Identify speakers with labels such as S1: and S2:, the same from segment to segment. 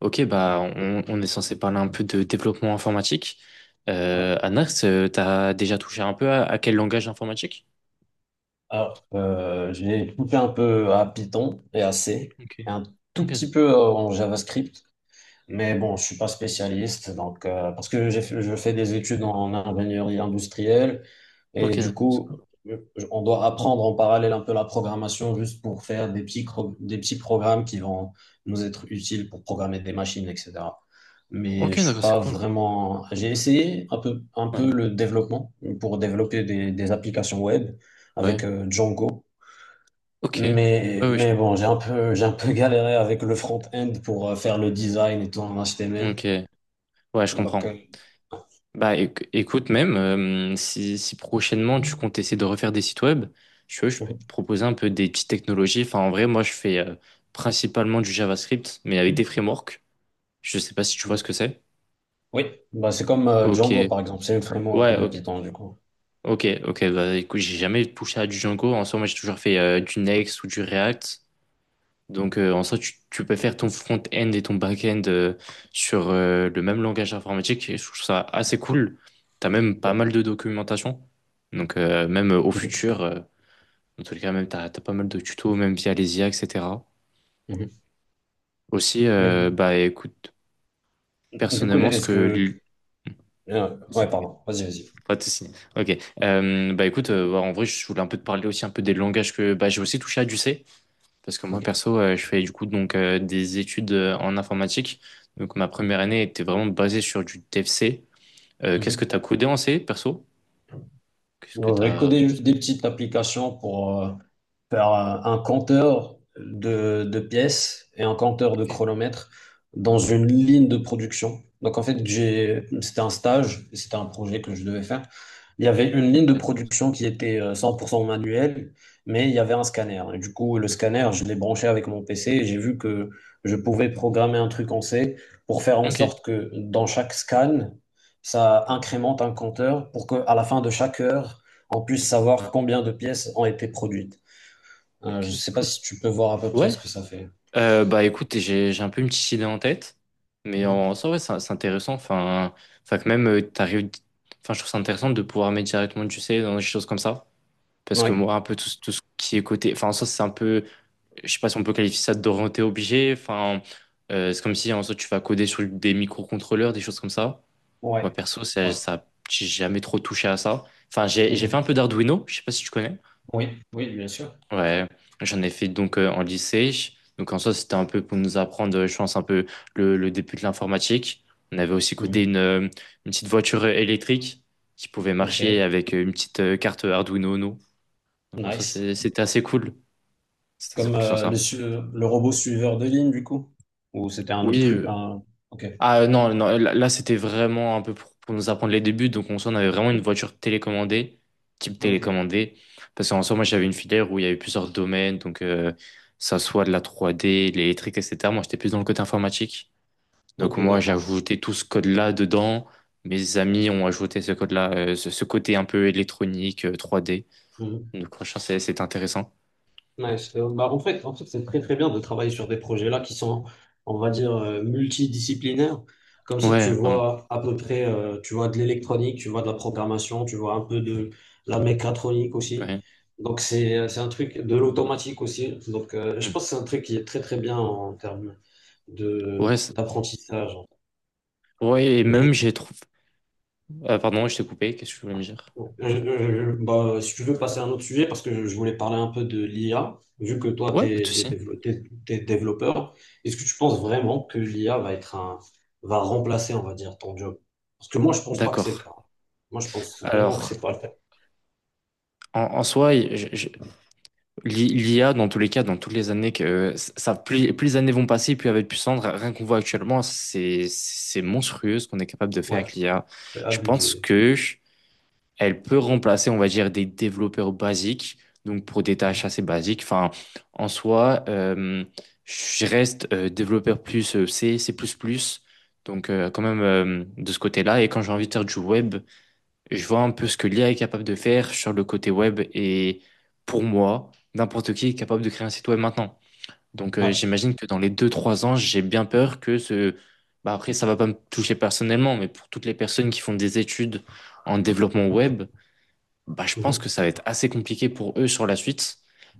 S1: Ok, bah on est censé parler un peu de développement informatique.
S2: Ouais.
S1: Anax, t'as déjà touché un peu à quel langage informatique?
S2: Alors, j'ai touché un peu à Python et à C,
S1: Ok.
S2: et un tout
S1: Ok,
S2: petit peu en JavaScript. Mais bon, je suis pas spécialiste, donc parce que je fais des études en ingénierie industrielle
S1: ok,
S2: et du
S1: d'accord, c'est
S2: coup,
S1: cool.
S2: je- on doit apprendre en parallèle un peu la programmation juste pour faire des petits programmes qui vont nous être utiles pour programmer des machines, etc.
S1: Ok,
S2: Mais je suis
S1: d'accord, c'est
S2: pas
S1: cool.
S2: vraiment. J'ai essayé un peu un
S1: Ouais,
S2: peu le développement pour développer des applications web
S1: ouais,
S2: avec Django.
S1: ok.
S2: Mais,
S1: Ouais, ouais.
S2: mais bon, j'ai un peu galéré avec le front-end pour faire le design et tout en HTML.
S1: Ok, ouais, je
S2: Donc,
S1: comprends. Bah écoute, même si prochainement tu comptes essayer de refaire des sites web, je peux
S2: mhm,
S1: te proposer un peu des petites technologies. Enfin, en vrai, moi, je fais principalement du JavaScript, mais avec des frameworks. Je sais pas si tu vois ce
S2: mhm.
S1: que c'est.
S2: Oui, bah, c'est comme
S1: Ok,
S2: Django, par exemple. C'est une framework
S1: ouais,
S2: de
S1: ok.
S2: Python, du coup.
S1: Ok, ok, bah écoute, j'ai jamais touché à du Django. En soi, moi j'ai toujours fait du Next ou du React. Donc en soi, tu peux faire ton front-end et ton back-end sur le même langage informatique. Et je trouve ça assez cool. T'as même pas mal de documentation. Donc même au futur, dans tous les cas, même t'as pas mal de tutos, même via les IA, etc.
S2: Mhm, mhm.
S1: Aussi,
S2: Mais
S1: bah écoute,
S2: du coup,
S1: personnellement,
S2: est-ce que... ouais, pardon. Vas-y, vas-y.
S1: pas de souci. Ok. En vrai, je voulais un peu te parler aussi un peu des langages que bah, j'ai aussi touché à du C. Parce que moi,
S2: OK.
S1: perso, je fais donc des études en informatique. Donc ma première année était vraiment basée sur du DFC. Qu'est-ce que
S2: Mhm.
S1: t'as codé en C, perso? Qu'est-ce que
S2: Donc, je vais
S1: t'as...
S2: coder juste des petites applications pour... par un compteur de pièces et un compteur de
S1: Ok,
S2: chronomètre dans une ligne de production. Donc en fait, c'était un stage, c'était un projet que je devais faire. Il y avait une ligne de
S1: intéressant.
S2: production qui était 100% manuelle, mais il y avait un scanner. Et du coup, le scanner, je l'ai branché avec mon PC et j'ai vu que je pouvais programmer un truc en C pour faire en
S1: Ok,
S2: sorte que dans chaque scan, ça incrémente un compteur pour qu'à la fin de chaque heure, on puisse savoir combien de pièces ont été produites.
S1: Ok,
S2: Je
S1: c'est
S2: sais pas
S1: cool.
S2: si tu peux voir à peu près ce
S1: Ouais.
S2: que ça fait.
S1: Bah écoute, j'ai un peu une petite idée en tête, mais
S2: Mhm.
S1: en soi, ouais, c'est intéressant. Enfin que même t'arrives, enfin je trouve ça intéressant de pouvoir mettre directement du C dans des choses comme ça, parce que
S2: Ouais,
S1: moi, un peu tout, tout ce qui est côté, enfin en soi, c'est un peu je sais pas si on peut qualifier ça d'orienté objet. Enfin, c'est comme si en soi tu vas coder sur des microcontrôleurs, des choses comme ça. Moi
S2: ouais,
S1: perso,
S2: ouais.
S1: j'ai jamais trop touché à ça. Enfin, j'ai fait
S2: Mhm.
S1: un peu d'Arduino, je sais pas si tu connais.
S2: Oui, oui, bien sûr.
S1: Ouais, j'en ai fait donc en lycée. Donc en soi, c'était un peu pour nous apprendre, je pense, un peu le début de l'informatique. On avait aussi codé
S2: Mhm.
S1: une petite voiture électrique qui pouvait
S2: Ok,
S1: marcher avec une petite carte Arduino Uno. Donc en soi,
S2: nice.
S1: c'est- c'était assez cool. C'était assez
S2: Comme
S1: cool sur ça.
S2: le robot suiveur de ligne, du coup? Ou c'était un autre truc?
S1: Oui.
S2: Ok,
S1: Ah non, c'était vraiment un peu pour nous apprendre les débuts. Donc en soi, on avait vraiment une voiture télécommandée, type
S2: ok,
S1: télécommandée. Parce qu'en soi, moi j'avais une filière où il y avait plusieurs domaines, ça soit de la 3D, l'électrique, etc. Moi j'étais plus dans le côté informatique. Donc
S2: ok,
S1: moi j'ai
S2: d'accord.
S1: ajouté tout ce code-là dedans. Mes amis ont ajouté ce code-là, ce côté un peu électronique, 3D. Donc franchement, c'est intéressant.
S2: Ouais, bah, en fait, c'est très très bien de travailler sur des projets-là qui sont, on va dire, multidisciplinaires. Comme ça, tu
S1: Ouais, vraiment.
S2: vois à peu près, tu vois de l'électronique, tu vois de la programmation, tu vois un peu de la mécatronique
S1: Ouais.
S2: aussi. Donc, c'est un truc de l'automatique aussi. Donc, je
S1: Mm.
S2: pense que c'est un truc qui est très très bien en termes
S1: ouais, c'est-
S2: d'apprentissage.
S1: ouais, et même j'ai trouvé. Ah, pardon, je t'ai coupé, qu'est-ce que je voulais me dire?
S2: Bah, si tu veux passer à un autre sujet, parce que je voulais parler un peu de l'IA, vu que toi,
S1: Ouais, pas de souci.
S2: développeur, est-ce que tu penses vraiment que l'IA va être va remplacer, on va dire, ton job? Parce que moi, je pense pas que c'est le
S1: D'accord.
S2: cas. Moi, je pense vraiment que
S1: Alors,
S2: c'est pas le cas.
S1: en soi, l'IA, dans tous les cas, dans toutes les années que ça, plus les années vont passer, plus elle va être puissante. Rien qu'on voit actuellement, c'est monstrueux ce qu'on est capable de faire
S2: Ouais,
S1: avec l'IA.
S2: c'est
S1: Je pense
S2: abusé.
S1: que elle peut remplacer, on va dire, des développeurs basiques, donc pour des tâches assez basiques. Enfin, en soi, je reste développeur plus C, C++, donc quand même de ce côté-là. Et quand j'ai envie de faire du web. Je vois un peu ce que l'IA est capable de faire sur le côté web et pour moi, n'importe qui est capable de créer un site web maintenant. Donc
S2: Ouais.
S1: j'imagine que dans les deux trois ans, j'ai bien peur que ce... Bah, après, ça va pas me toucher personnellement, mais pour toutes les personnes qui font des études en développement web, bah, je pense que
S2: Mhm.
S1: ça va être assez compliqué pour eux sur la suite,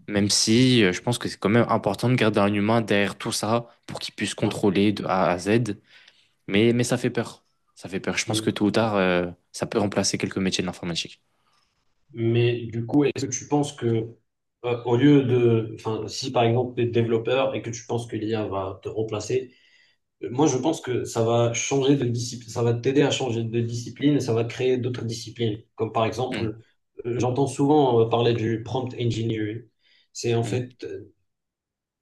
S1: même si je pense que c'est quand même important de garder un humain derrière tout ça pour qu'il puisse
S2: Ouais.
S1: contrôler de A à Z. Mais ça fait peur. Ça fait peur. Je pense que
S2: Mhm.
S1: tôt ou tard, ça peut remplacer quelques métiers de l'informatique.
S2: Mais du coup, est-ce que tu penses que, au lieu de, enfin, si par exemple, tu es développeur et que tu penses que l'IA va te remplacer, moi, je pense que ça va changer de discipline, ça va t'aider à changer de discipline et ça va créer d'autres disciplines. Comme par
S1: Mm,
S2: exemple, j'entends souvent parler du prompt engineering. C'est en
S1: mm.
S2: fait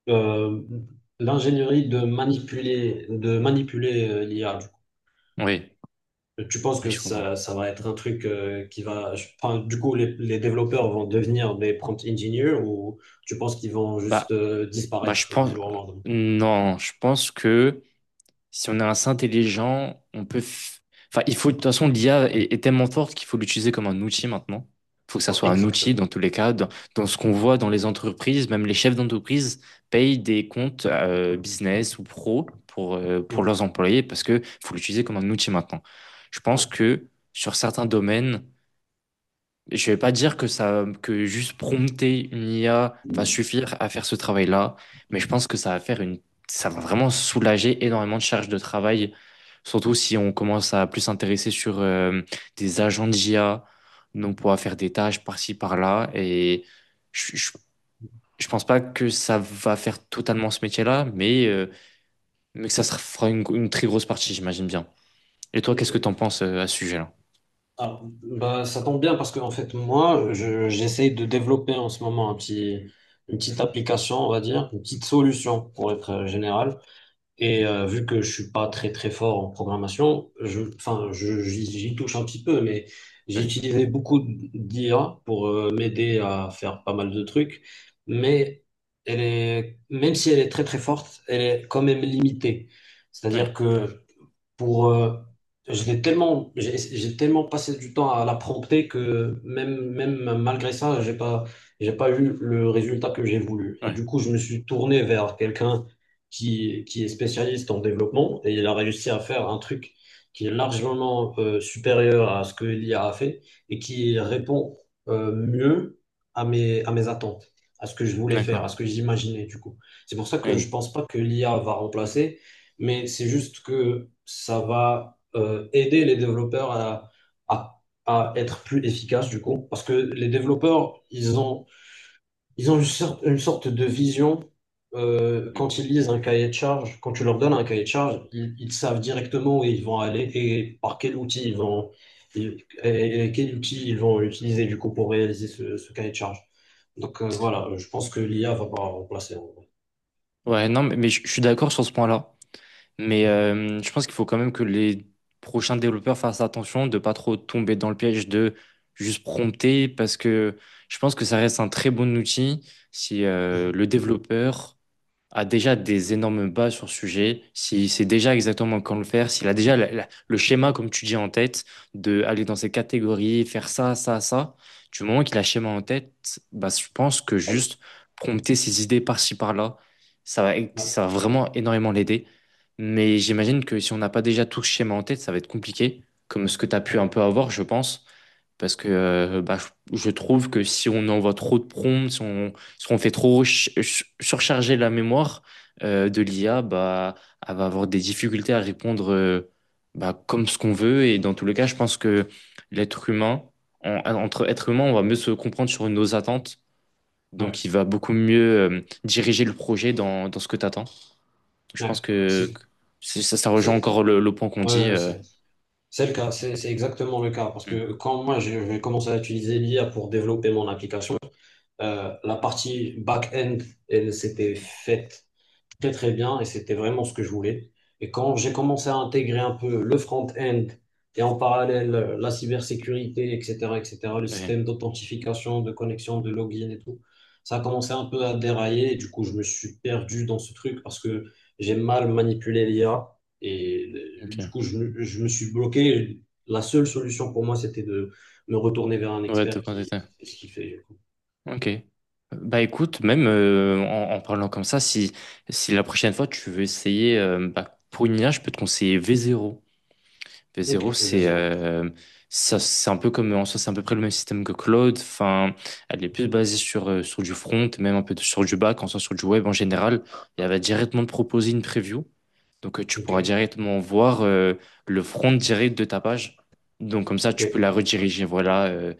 S2: euh, l'ingénierie de manipuler l'IA, du coup.
S1: Oui,
S2: Tu penses
S1: oui,
S2: que
S1: je comprends.
S2: ça va être un truc qui va, enfin, du coup, les développeurs vont devenir des prompt engineers ou tu penses qu'ils vont
S1: Bah,
S2: juste
S1: bah, je
S2: disparaître du
S1: pense,
S2: jour au lendemain?
S1: euh, non, je pense que si on est assez intelligent, on peut, f- enfin, il faut, de toute façon, l'IA est tellement forte qu'il faut l'utiliser comme un outil maintenant. Il faut que ça
S2: Ouais,
S1: soit un outil dans
S2: exactement.
S1: tous les cas,
S2: Ouais.
S1: dans ce qu'on voit dans les entreprises, même les chefs d'entreprise payent des comptes business ou pro pour
S2: Mm.
S1: leurs employés parce que faut l'utiliser comme un outil maintenant. Je pense
S2: Ouais.
S1: que sur certains domaines, je vais pas dire que juste prompter une IA va suffire à faire ce travail-là, mais je pense que ça va vraiment soulager énormément de charges de travail, surtout si on commence à plus s'intéresser sur des agents de IA, donc on pourra faire des tâches par-ci par-là, et je, je, je pense pas que ça va faire totalement ce métier-là, mais que ça se fera une très grosse partie, j'imagine bien. Et toi, qu'est-ce que
S2: Ok.
S1: t'en penses à ce sujet-là?
S2: Ah, bah, ça tombe bien parce que en fait j'essaye de développer en ce moment un petit une petite application, on va dire une petite solution pour être général, et vu que je suis pas très très fort en programmation, je j'y touche un petit peu, mais
S1: Oui,
S2: j'ai utilisé beaucoup d'IA pour m'aider à faire pas mal de trucs. Mais elle est même si elle est très très forte, elle est quand même limitée.
S1: oui,
S2: C'est-à-dire que pour je l'ai tellement, j'ai tellement passé du temps à la prompter que même malgré ça, j'ai pas eu le résultat que j'ai voulu. Et
S1: oui,
S2: du coup, je me suis tourné vers quelqu'un qui est spécialiste en développement, et il a réussi à faire un truc qui est largement supérieur à ce que l'IA a fait, et qui répond mieux à mes attentes, à ce que je voulais
S1: d'accord,
S2: faire, à ce que j'imaginais, du coup. C'est pour ça que
S1: oui.
S2: je pense pas que l'IA va remplacer, mais c'est juste que ça va aider les développeurs à, à être plus efficaces du coup, parce que les développeurs, ils ont une sorte de vision
S1: Mm.
S2: quand ils lisent un cahier de charge, quand tu leur donnes un cahier de charge, ils savent directement où ils vont aller et par quel outil ils vont, et, et quel outil ils vont utiliser du coup pour réaliser ce cahier de charge. Donc voilà, je pense que l'IA va pas remplacer, en vrai.
S1: Ouais, non, mais je suis d'accord sur ce point-là. Mais
S2: Mhm.
S1: je pense qu'il faut quand même que les prochains développeurs fassent attention de pas trop tomber dans le piège de juste prompter parce que je pense que ça reste un très bon outil si
S2: Mhm.
S1: le développeur a déjà des énormes bases sur le sujet, s'il sait déjà exactement quand le faire, s'il a déjà le schéma, comme tu dis, en tête, de aller dans ces catégories, faire ça, ça, ça, du moment qu'il a le schéma en tête, bah, je pense que juste prompter ses idées par-ci, par-là, ça va,
S2: Ouais,
S1: ça va vraiment énormément l'aider. Mais j'imagine que si on n'a pas déjà tout ce schéma en tête, ça va être compliqué, comme ce que tu as pu
S2: ok.
S1: un peu avoir, je pense. Parce que bah, je trouve que si on envoie trop de prompts, si on, parce qu'on fait trop surcharger la mémoire de l'IA, bah, elle va avoir des difficultés à répondre bah, comme ce qu'on veut. Et dans tous les cas, je pense que l'être humain, entre êtres humains, on va mieux se comprendre sur nos attentes.
S2: Ouais,
S1: Donc, il va beaucoup mieux diriger le projet dans ce que tu attends. Je
S2: ouais.
S1: pense que
S2: C'est-
S1: ça, ça rejoint
S2: c'est-
S1: encore le point qu'on
S2: Ouais,
S1: dit.
S2: ouais, c'est le cas, c'est exactement le cas. Parce
S1: Hmm.
S2: que quand moi je vais commencer à utiliser l'IA pour développer mon application, la partie back-end, elle s'était faite très très bien et c'était vraiment ce que je voulais. Et quand j'ai commencé à intégrer un peu le front-end et en parallèle la cybersécurité, etc., etc., le
S1: Ouais,
S2: système d'authentification, de connexion, de login et tout, ça a commencé un peu à dérailler. Et du coup, je me suis perdu dans ce truc parce que j'ai mal manipulé l'IA et du
S1: ok.
S2: coup, je me suis bloqué. La seule solution pour moi, c'était de me retourner vers un
S1: Ouais, de
S2: expert
S1: quoi t'étais.
S2: qui fait.
S1: Ok. Bah écoute, même en, en parlant comme ça, si la prochaine fois tu veux essayer, bah, pour une IA, je peux te conseiller v zéro. v
S2: Ok,
S1: zéro c'est
S2: vas-y, rentre.
S1: euh, ça, c'est un peu comme, en soi, c'est à peu près le même système que Claude. Enfin, elle est plus basée sur, sur du front, même un peu sur du back, en soi, sur du web en général. Et elle va directement te proposer une preview. Donc tu
S2: Ok,
S1: pourras directement voir le front direct de ta page. Donc comme ça, tu peux
S2: ok,
S1: la rediriger, voilà, euh,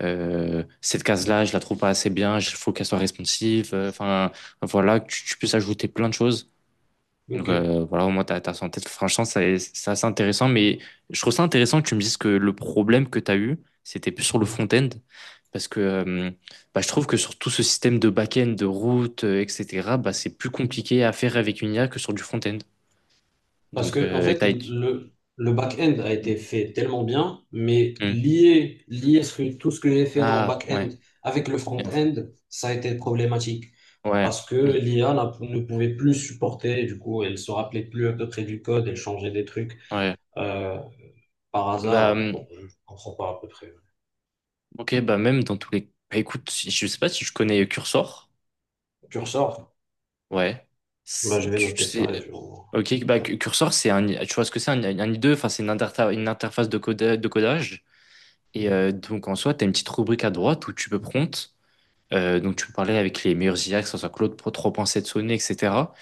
S1: euh, cette case-là, je la trouve pas assez bien, il faut qu'elle soit responsive. Enfin, voilà, que tu puisses ajouter plein de choses. Donc,
S2: ok.
S1: voilà, au moins, t'as ça en tête. Franchement, c'est assez intéressant, mais je trouve ça intéressant que tu me dises que le problème que tu as eu, c'était plus sur le
S2: Ok.
S1: front-end. Parce que bah, je trouve que sur tout ce système de back-end, de route, etc., bah, c'est plus compliqué à faire avec une IA que sur du front-end.
S2: Parce
S1: Donc,
S2: que, en fait, le back-end a été fait tellement bien, mais
S1: Hmm.
S2: lier tout ce que j'ai fait en
S1: Ah,
S2: back-end
S1: ouais.
S2: avec le
S1: Et enfin,
S2: front-end, ça a été problématique.
S1: ouais.
S2: Parce que
S1: Hmm.
S2: l'IA ne pouvait plus supporter, du coup, elle se rappelait plus à peu près du code, elle changeait des trucs
S1: Ouais.
S2: euh, par
S1: Bah,
S2: hasard. Bon,
S1: hmm,
S2: je comprends pas à peu près.
S1: Ok, bah même dans tous les... Bah écoute, je sais pas si je connais Cursor.
S2: Tu ressors?
S1: Ouais.
S2: Bah, je
S1: C'est-
S2: vais
S1: Tu, tu
S2: noter ça
S1: sais...
S2: et je...
S1: Ok, bah
S2: Ouais.
S1: Cu- Cursor, c'est un... Tu vois ce que c'est un IDE? Enfin, c'est une interface de, de codage. Et
S2: Mhm.
S1: donc en soi, tu as une petite rubrique à droite où tu peux prompt. Donc tu peux parler avec les meilleurs IA, que ce soit Claude Pro 3.7, Sony, etc.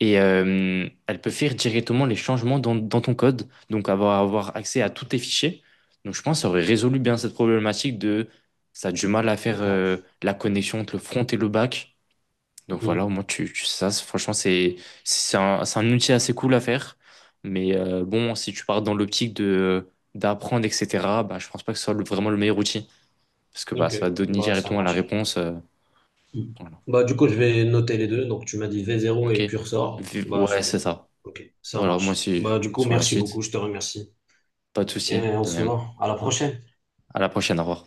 S1: Et elle peut faire directement les changements dans ton code, donc avoir accès à tous tes fichiers. Donc je pense que ça aurait résolu bien cette problématique de ça a du mal à faire
S2: D'accord.
S1: la connexion entre le front et le back. Donc voilà, au
S2: Mhm.
S1: moins tu sais ça, franchement, c'est un outil assez cool à faire. Mais bon, si tu pars dans l'optique de d'apprendre, etc., bah, je pense pas que ce soit vraiment le meilleur outil. Parce que bah,
S2: Ok,
S1: ça va donner
S2: bah, ça
S1: directement la
S2: marche.
S1: réponse.
S2: Hmm.
S1: Voilà.
S2: Bah, du coup, je vais noter les deux. Donc, tu m'as dit v0
S1: Ok.
S2: et Cursor. Bah,
S1: Ouais,
S2: c'est
S1: c'est
S2: bon.
S1: ça.
S2: Ok, ça
S1: Voilà, moi,
S2: marche.
S1: c'est
S2: Bah, du coup,
S1: sur la
S2: merci beaucoup.
S1: suite.
S2: Je te remercie.
S1: Pas de
S2: Et
S1: souci,
S2: on
S1: de
S2: se
S1: même.
S2: voit. À la prochaine.
S1: À la prochaine, au revoir.